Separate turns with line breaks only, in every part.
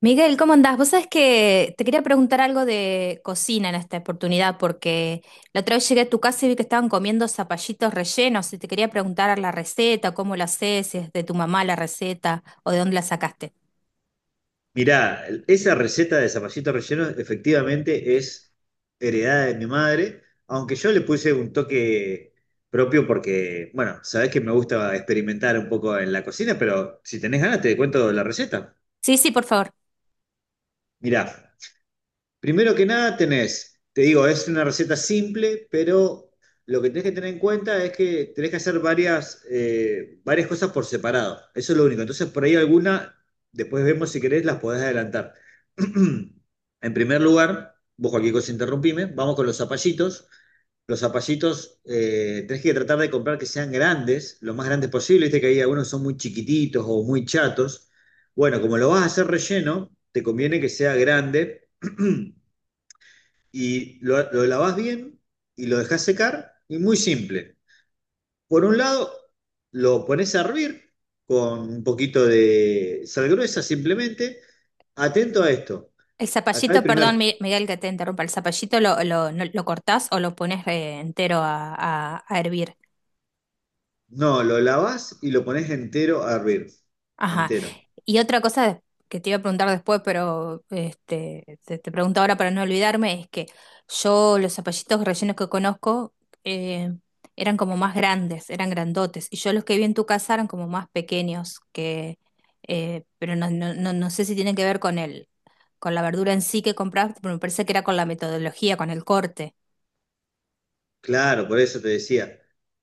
Miguel, ¿cómo andás? Vos sabés que te quería preguntar algo de cocina en esta oportunidad, porque la otra vez llegué a tu casa y vi que estaban comiendo zapallitos rellenos y te quería preguntar la receta, cómo la haces, si es de tu mamá la receta o de dónde la sacaste.
Mirá, esa receta de zapallito relleno efectivamente es heredada de mi madre, aunque yo le puse un toque propio porque, bueno, sabés que me gusta experimentar un poco en la cocina, pero si tenés ganas te cuento la receta.
Sí, sí, por favor.
Mirá. Primero que nada tenés, te digo, es una receta simple, pero lo que tenés que tener en cuenta es que tenés que hacer varias cosas por separado. Eso es lo único. Entonces, por ahí alguna, después vemos si querés, las podés adelantar. En primer lugar, vos cualquier cosa interrumpime, vamos con los zapallitos. Los zapallitos tenés que tratar de comprar que sean grandes, lo más grandes posible. Viste que ahí algunos son muy chiquititos o muy chatos. Bueno, como lo vas a hacer relleno, te conviene que sea grande. Y lo lavas bien y lo dejas secar. Y muy simple. Por un lado, lo pones a hervir con un poquito de sal gruesa simplemente. Atento a esto.
El
Acá el
zapallito, perdón,
primer,
Miguel, que te interrumpa. El zapallito lo, no- lo cortás o lo pones entero a hervir.
no, lo lavas y lo pones entero a hervir.
Ajá,
Entero.
y otra cosa que te iba a preguntar después, pero este, te pregunto ahora para no olvidarme, es que yo los zapallitos rellenos que conozco eh, eran como más grandes, eran grandotes, y yo los que vi en tu casa eran como más pequeños, que, pero no, no, no, no sé si tienen que ver con el, con la verdura en sí que compraste, pero me parece que era con la metodología, con el corte.
Claro, por eso te decía,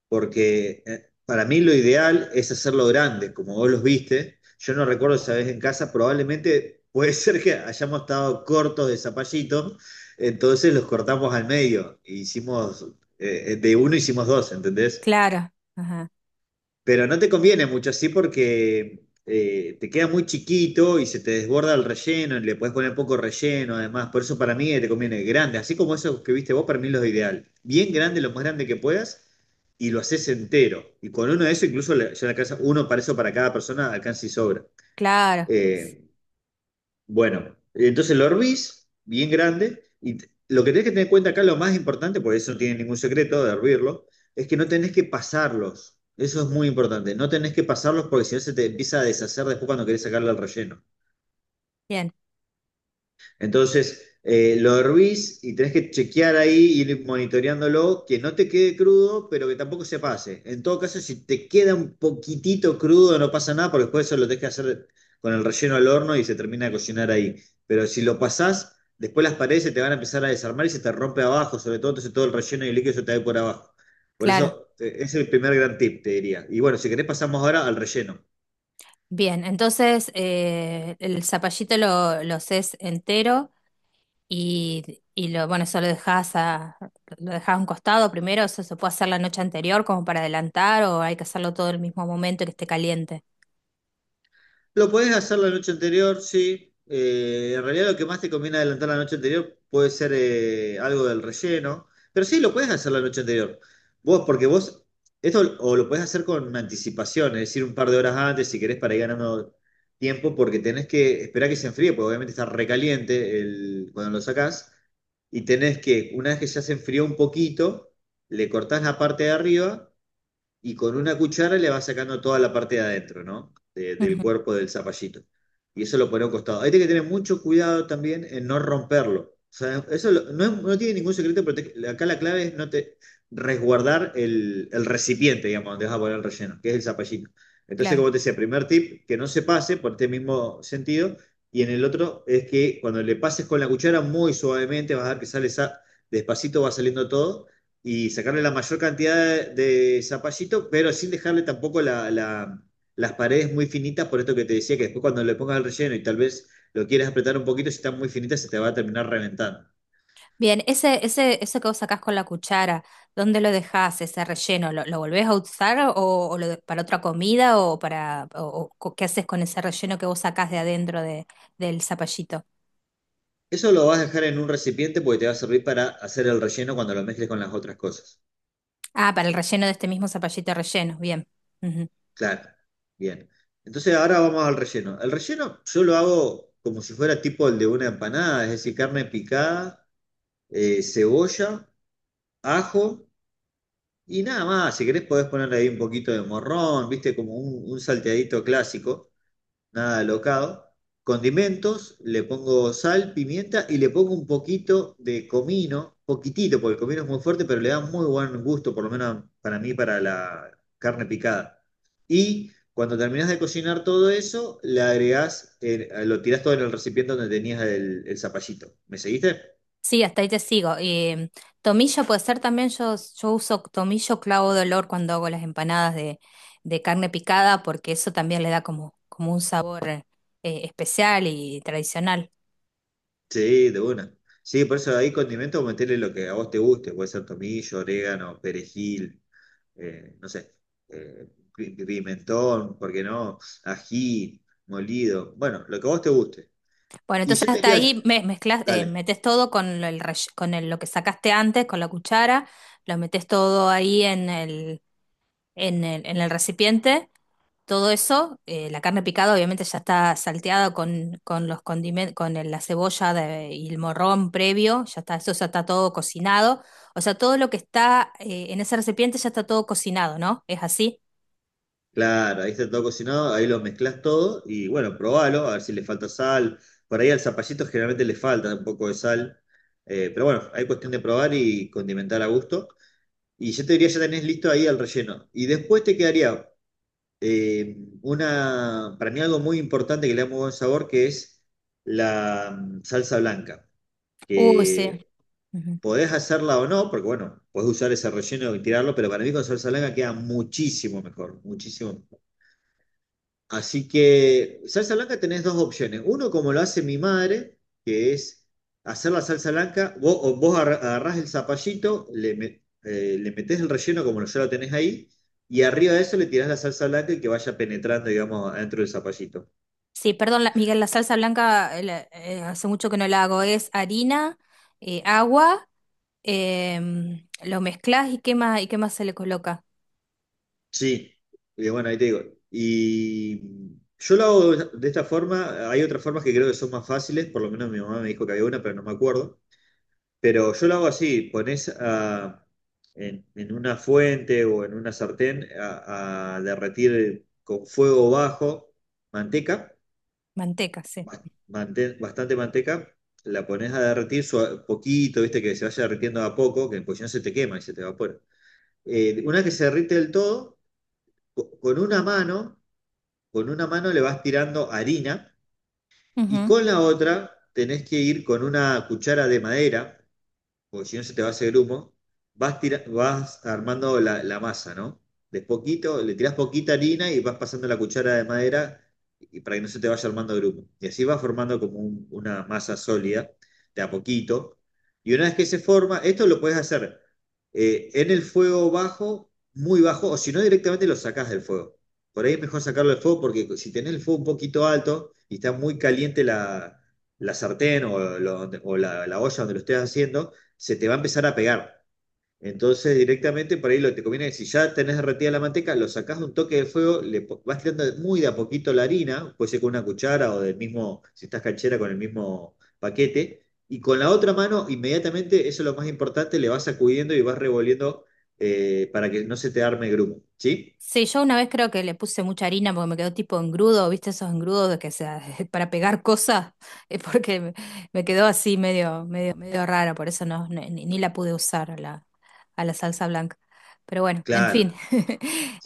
porque para mí lo ideal es hacerlo grande, como vos los viste. Yo no recuerdo esa vez en casa, probablemente puede ser que hayamos estado cortos de zapallito, entonces los cortamos al medio, e hicimos, de uno hicimos dos, ¿entendés?
Claro, ajá,
Pero no te conviene mucho así porque te queda muy chiquito y se te desborda el relleno, y le puedes poner poco relleno además. Por eso para mí te conviene grande, así como esos que viste vos, para mí los ideal. Bien grande, lo más grande que puedas, y lo haces entero. Y con uno de esos, incluso ya le alcanza uno para eso para cada persona, alcanza y sobra.
claro,
Eh, bueno, entonces lo hervís bien grande y lo que tenés que tener en cuenta acá, lo más importante, porque eso no tiene ningún secreto de hervirlo, es que no tenés que pasarlos. Eso es muy importante. No tenés que pasarlos porque si no se te empieza a deshacer después cuando querés sacarle el relleno.
bien,
Entonces, lo hervís y tenés que chequear ahí, ir monitoreándolo, que no te quede crudo, pero que tampoco se pase. En todo caso, si te queda un poquitito crudo, no pasa nada, porque después eso lo tenés que hacer con el relleno al horno y se termina de cocinar ahí. Pero si lo pasás, después las paredes se te van a empezar a desarmar y se te rompe abajo, sobre todo, entonces todo el relleno y el líquido se te va a ir por abajo. Por
claro.
eso, es el primer gran tip, te diría. Y bueno, si querés pasamos ahora al relleno.
Bien, entonces el zapallito lo haces entero. Y bueno, eso lo dejás a un costado primero, eso se puede hacer la noche anterior como para adelantar o hay que hacerlo todo el mismo momento que esté caliente.
Lo podés hacer la noche anterior, sí. En realidad lo que más te conviene adelantar la noche anterior puede ser algo del relleno, pero sí, lo podés hacer la noche anterior. Vos, porque vos, esto o lo podés hacer con anticipación, es decir, un par de horas antes si querés para ir ganando tiempo, porque tenés que esperar que se enfríe, porque obviamente está recaliente el, cuando lo sacás, y tenés que, una vez que ya se enfrió un poquito, le cortás la parte de arriba y con una cuchara le va sacando toda la parte de adentro, ¿no? De- del
Ujú,
cuerpo del zapallito. Y eso lo pone a un costado. Hay que tener mucho cuidado también en no romperlo. O sea, eso lo- no, es- no tiene ningún secreto, pero acá la clave es no te resguardar el recipiente, digamos, donde vas a poner el relleno, que es el zapallito. Entonces,
claro.
como te decía, primer tip, que no se pase por este mismo sentido. Y en el otro es que cuando le pases con la cuchara muy suavemente, vas a ver que despacito, va saliendo todo y sacarle la mayor cantidad de zapallito, pero sin dejarle tampoco las paredes muy finitas, por esto que te decía, que después cuando le pongas el relleno y tal vez lo quieras apretar un poquito, si están muy finitas se te va a terminar reventando.
Bien, ese, eso que vos sacás con la cuchara, ¿dónde lo dejás ese relleno? ¿Lo volvés a usar o para otra comida o qué haces con ese relleno que vos sacás de adentro del zapallito?
Eso lo vas a dejar en un recipiente porque te va a servir para hacer el relleno cuando lo mezcles con las otras cosas.
Ah, para el relleno de este mismo zapallito relleno, bien.
Claro, bien. Entonces ahora vamos al relleno. El relleno yo lo hago como si fuera tipo el de una empanada, es decir, carne picada, cebolla, ajo. Y nada más, si querés podés ponerle ahí un poquito de morrón, viste, como un salteadito clásico, nada locado. Condimentos, le pongo sal, pimienta y le pongo un poquito de comino, poquitito, porque el comino es muy fuerte, pero le da muy buen gusto, por lo menos para mí, para la carne picada. Y cuando terminás de cocinar todo eso, le agregás, lo tirás todo en el recipiente donde tenías el zapallito. ¿Me seguiste?
Sí, hasta ahí te sigo. Tomillo puede ser también, yo uso tomillo clavo de olor cuando hago las empanadas de carne picada, porque eso también le da como un sabor especial y tradicional.
Sí, de una. Sí, por eso ahí condimento meterle lo que a vos te guste, puede ser tomillo, orégano, perejil, no sé, eh, pi- pimentón, ¿por qué no? Ají, molido, bueno, lo que a vos te guste.
Bueno,
Y
entonces
yo te
hasta
diría,
ahí mezclas,
dale,
metes todo con, el, rell- con el- lo que sacaste antes, con la cuchara, lo metes todo ahí en el recipiente todo eso, la carne picada obviamente ya está salteada con los condimentos, la cebolla y el morrón previo, ya está, eso ya está todo cocinado. O sea, todo lo que está en ese recipiente ya está todo cocinado, ¿no? ¿Es así?
claro, ahí está todo cocinado, ahí lo mezclás todo y bueno, probalo, a ver si le falta sal. Por ahí al zapallito generalmente le falta un poco de sal, pero bueno, hay cuestión de probar y condimentar a gusto. Y yo te diría, ya tenés listo ahí el relleno. Y después te quedaría eh, una, para mí algo muy importante que le da muy buen sabor, que es la salsa blanca,
Uy, sí.
que
Ujú.
podés hacerla o no, porque bueno, podés usar ese relleno y tirarlo, pero para mí con salsa blanca queda muchísimo mejor, muchísimo. Así que salsa blanca tenés dos opciones. Uno, como lo hace mi madre, que es hacer la salsa blanca. Vos, o vos agarrás el zapallito, le metés el relleno como ya lo tenés ahí, y arriba de eso le tirás la salsa blanca y que vaya penetrando, digamos, adentro del zapallito.
Sí, perdón, Miguel, la salsa blanca hace mucho que no la hago. Es harina, agua, lo mezclas y qué más se le coloca.
Sí. Y bueno, ahí te digo. Y yo lo hago de esta forma. Hay otras formas que creo que son más fáciles, por lo menos mi mamá me dijo que había una, pero no me acuerdo. Pero yo lo hago así, en una fuente o en una sartén a derretir con fuego bajo manteca,
Manteca, sí.
bastante manteca, la pones a derretir poquito, viste que se vaya derritiendo a poco, que pues si no se te quema y se te evapora. Una vez que se derrite del todo, co- con una mano, con una mano le vas tirando harina y con la otra tenés que ir con una cuchara de madera porque si no se te va ese grumo, vas armando la masa, ¿no? De poquito, le tirás poquita harina y vas pasando la cuchara de madera y para que no se te vaya armando grumo. Y así vas formando como una masa sólida, de a poquito. Y una vez que se forma, esto lo puedes hacer en el fuego bajo, muy bajo, o si no directamente lo sacás del fuego. Por ahí es mejor sacarlo del fuego porque si tenés el fuego un poquito alto y está muy caliente la, la sartén o, o la la olla donde lo estés haciendo, se te va a empezar a pegar. Entonces, directamente por ahí lo que te conviene es si ya tenés derretida la manteca, lo sacás de un toque de fuego, vas tirando muy de a poquito la harina, puede ser con una cuchara o del mismo, si estás canchera, con el mismo paquete, y con la otra mano, inmediatamente, eso es lo más importante, le vas sacudiendo y vas revolviendo para que no se te arme grumo. ¿Sí?
Sí, yo una vez creo que le puse mucha harina porque me quedó tipo engrudo, ¿viste esos engrudos de que sea para pegar cosas? Es porque me quedó así medio rara, por eso no, ni la pude usar a la salsa blanca. Pero bueno, en
Claro.
fin.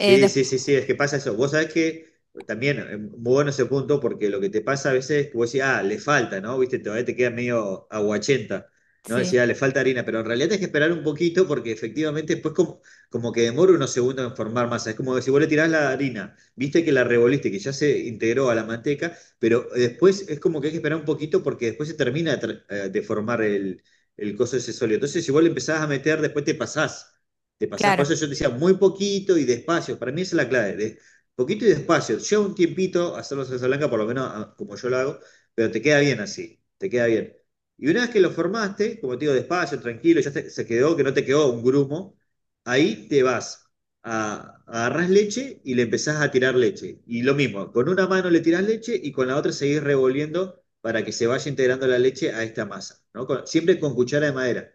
Eh, des-
sí, sí, sí, es que pasa eso. Vos sabés que muy bueno ese punto, porque lo que te pasa a veces es que vos decís, ah, le falta, ¿no? Viste, todavía te queda medio aguachenta, ¿no?
sí,
Decís, ah, le falta harina, pero en realidad tenés que esperar un poquito porque efectivamente como que demora unos segundos en formar masa. Es como que si vos le tirás la harina, viste que la revoliste, que ya se integró a la manteca, pero después es como que hay que esperar un poquito porque después se termina de formar el coso ese sólido. Entonces, si vos le empezás a meter, después te pasás. Te pasás, por
claro,
eso yo te decía muy poquito y despacio. Para mí esa es la clave, de poquito y despacio. Lleva un tiempito hacerlo salsa blanca, por lo menos ah, como yo lo hago, pero te queda bien así, te queda bien. Y una vez que lo formaste, como te digo, despacio, tranquilo, ya se quedó, que no te quedó un grumo, ahí te vas, a, agarrás leche y le empezás a tirar leche. Y lo mismo, con una mano le tirás leche y con la otra seguís revolviendo para que se vaya integrando la leche a esta masa, ¿no? Siempre con cuchara de madera.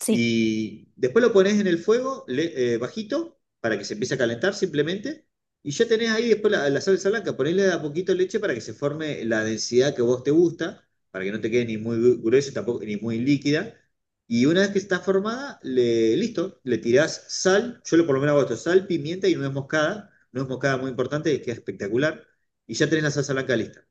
sí.
Y después lo pones en el fuego bajito para que se empiece a calentar simplemente. Y ya tenés ahí después la salsa blanca. Ponele de a poquito leche para que se forme la densidad que vos te gusta, para que no te quede ni muy gruesa tampoco, ni muy líquida. Y una vez que está formada, le, listo, le tirás sal. Yo lo por lo menos hago esto: sal, pimienta y nuez moscada. Nuez moscada muy importante, queda espectacular. Y ya tenés la salsa blanca lista.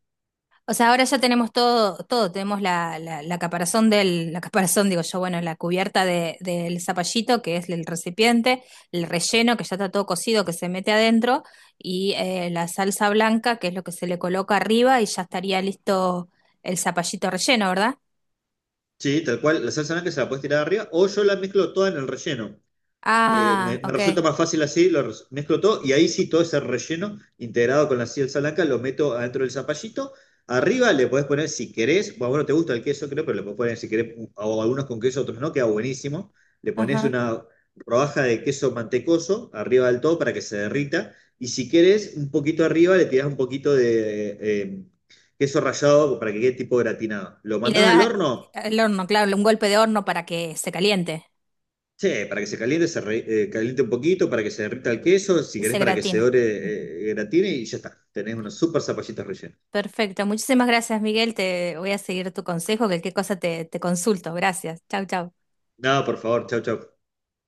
O sea, ahora ya tenemos todo, todo, tenemos la caparazón del, la caparazón, digo yo, bueno, la cubierta del zapallito, que es el recipiente, el relleno, que ya está todo cocido, que se mete adentro, y la salsa blanca, que es lo que se le coloca arriba, y ya estaría listo el zapallito relleno, ¿verdad?
Sí, tal cual, la salsa blanca se la puedes tirar arriba o yo la mezclo toda en el relleno.
Ah,
Me
ok,
resulta más fácil así, mezclo todo y ahí sí todo ese relleno integrado con la salsa blanca lo meto adentro del zapallito. Arriba le podés poner si querés, bueno, no te gusta el queso, creo, pero le podés poner si querés, o algunos con queso, otros no, queda buenísimo. Le pones
ajá.
una rodaja de queso mantecoso arriba del todo para que se derrita. Y si querés, un poquito arriba le tirás un poquito de queso rallado para que quede tipo gratinado. Lo
Y le
mandás al
da
horno.
el horno, claro, un golpe de horno para que se caliente
Sí, para que se caliente, caliente un poquito, para que se derrita el queso, si
y
querés
se
para que se
gratine.
ore, gratine y ya está. Tenés unos super zapallitos rellenos.
Perfecto. Muchísimas gracias, Miguel. Te voy a seguir tu consejo, que qué cosa te consulto. Gracias. Chau, chau.
No, por favor, chau, chau.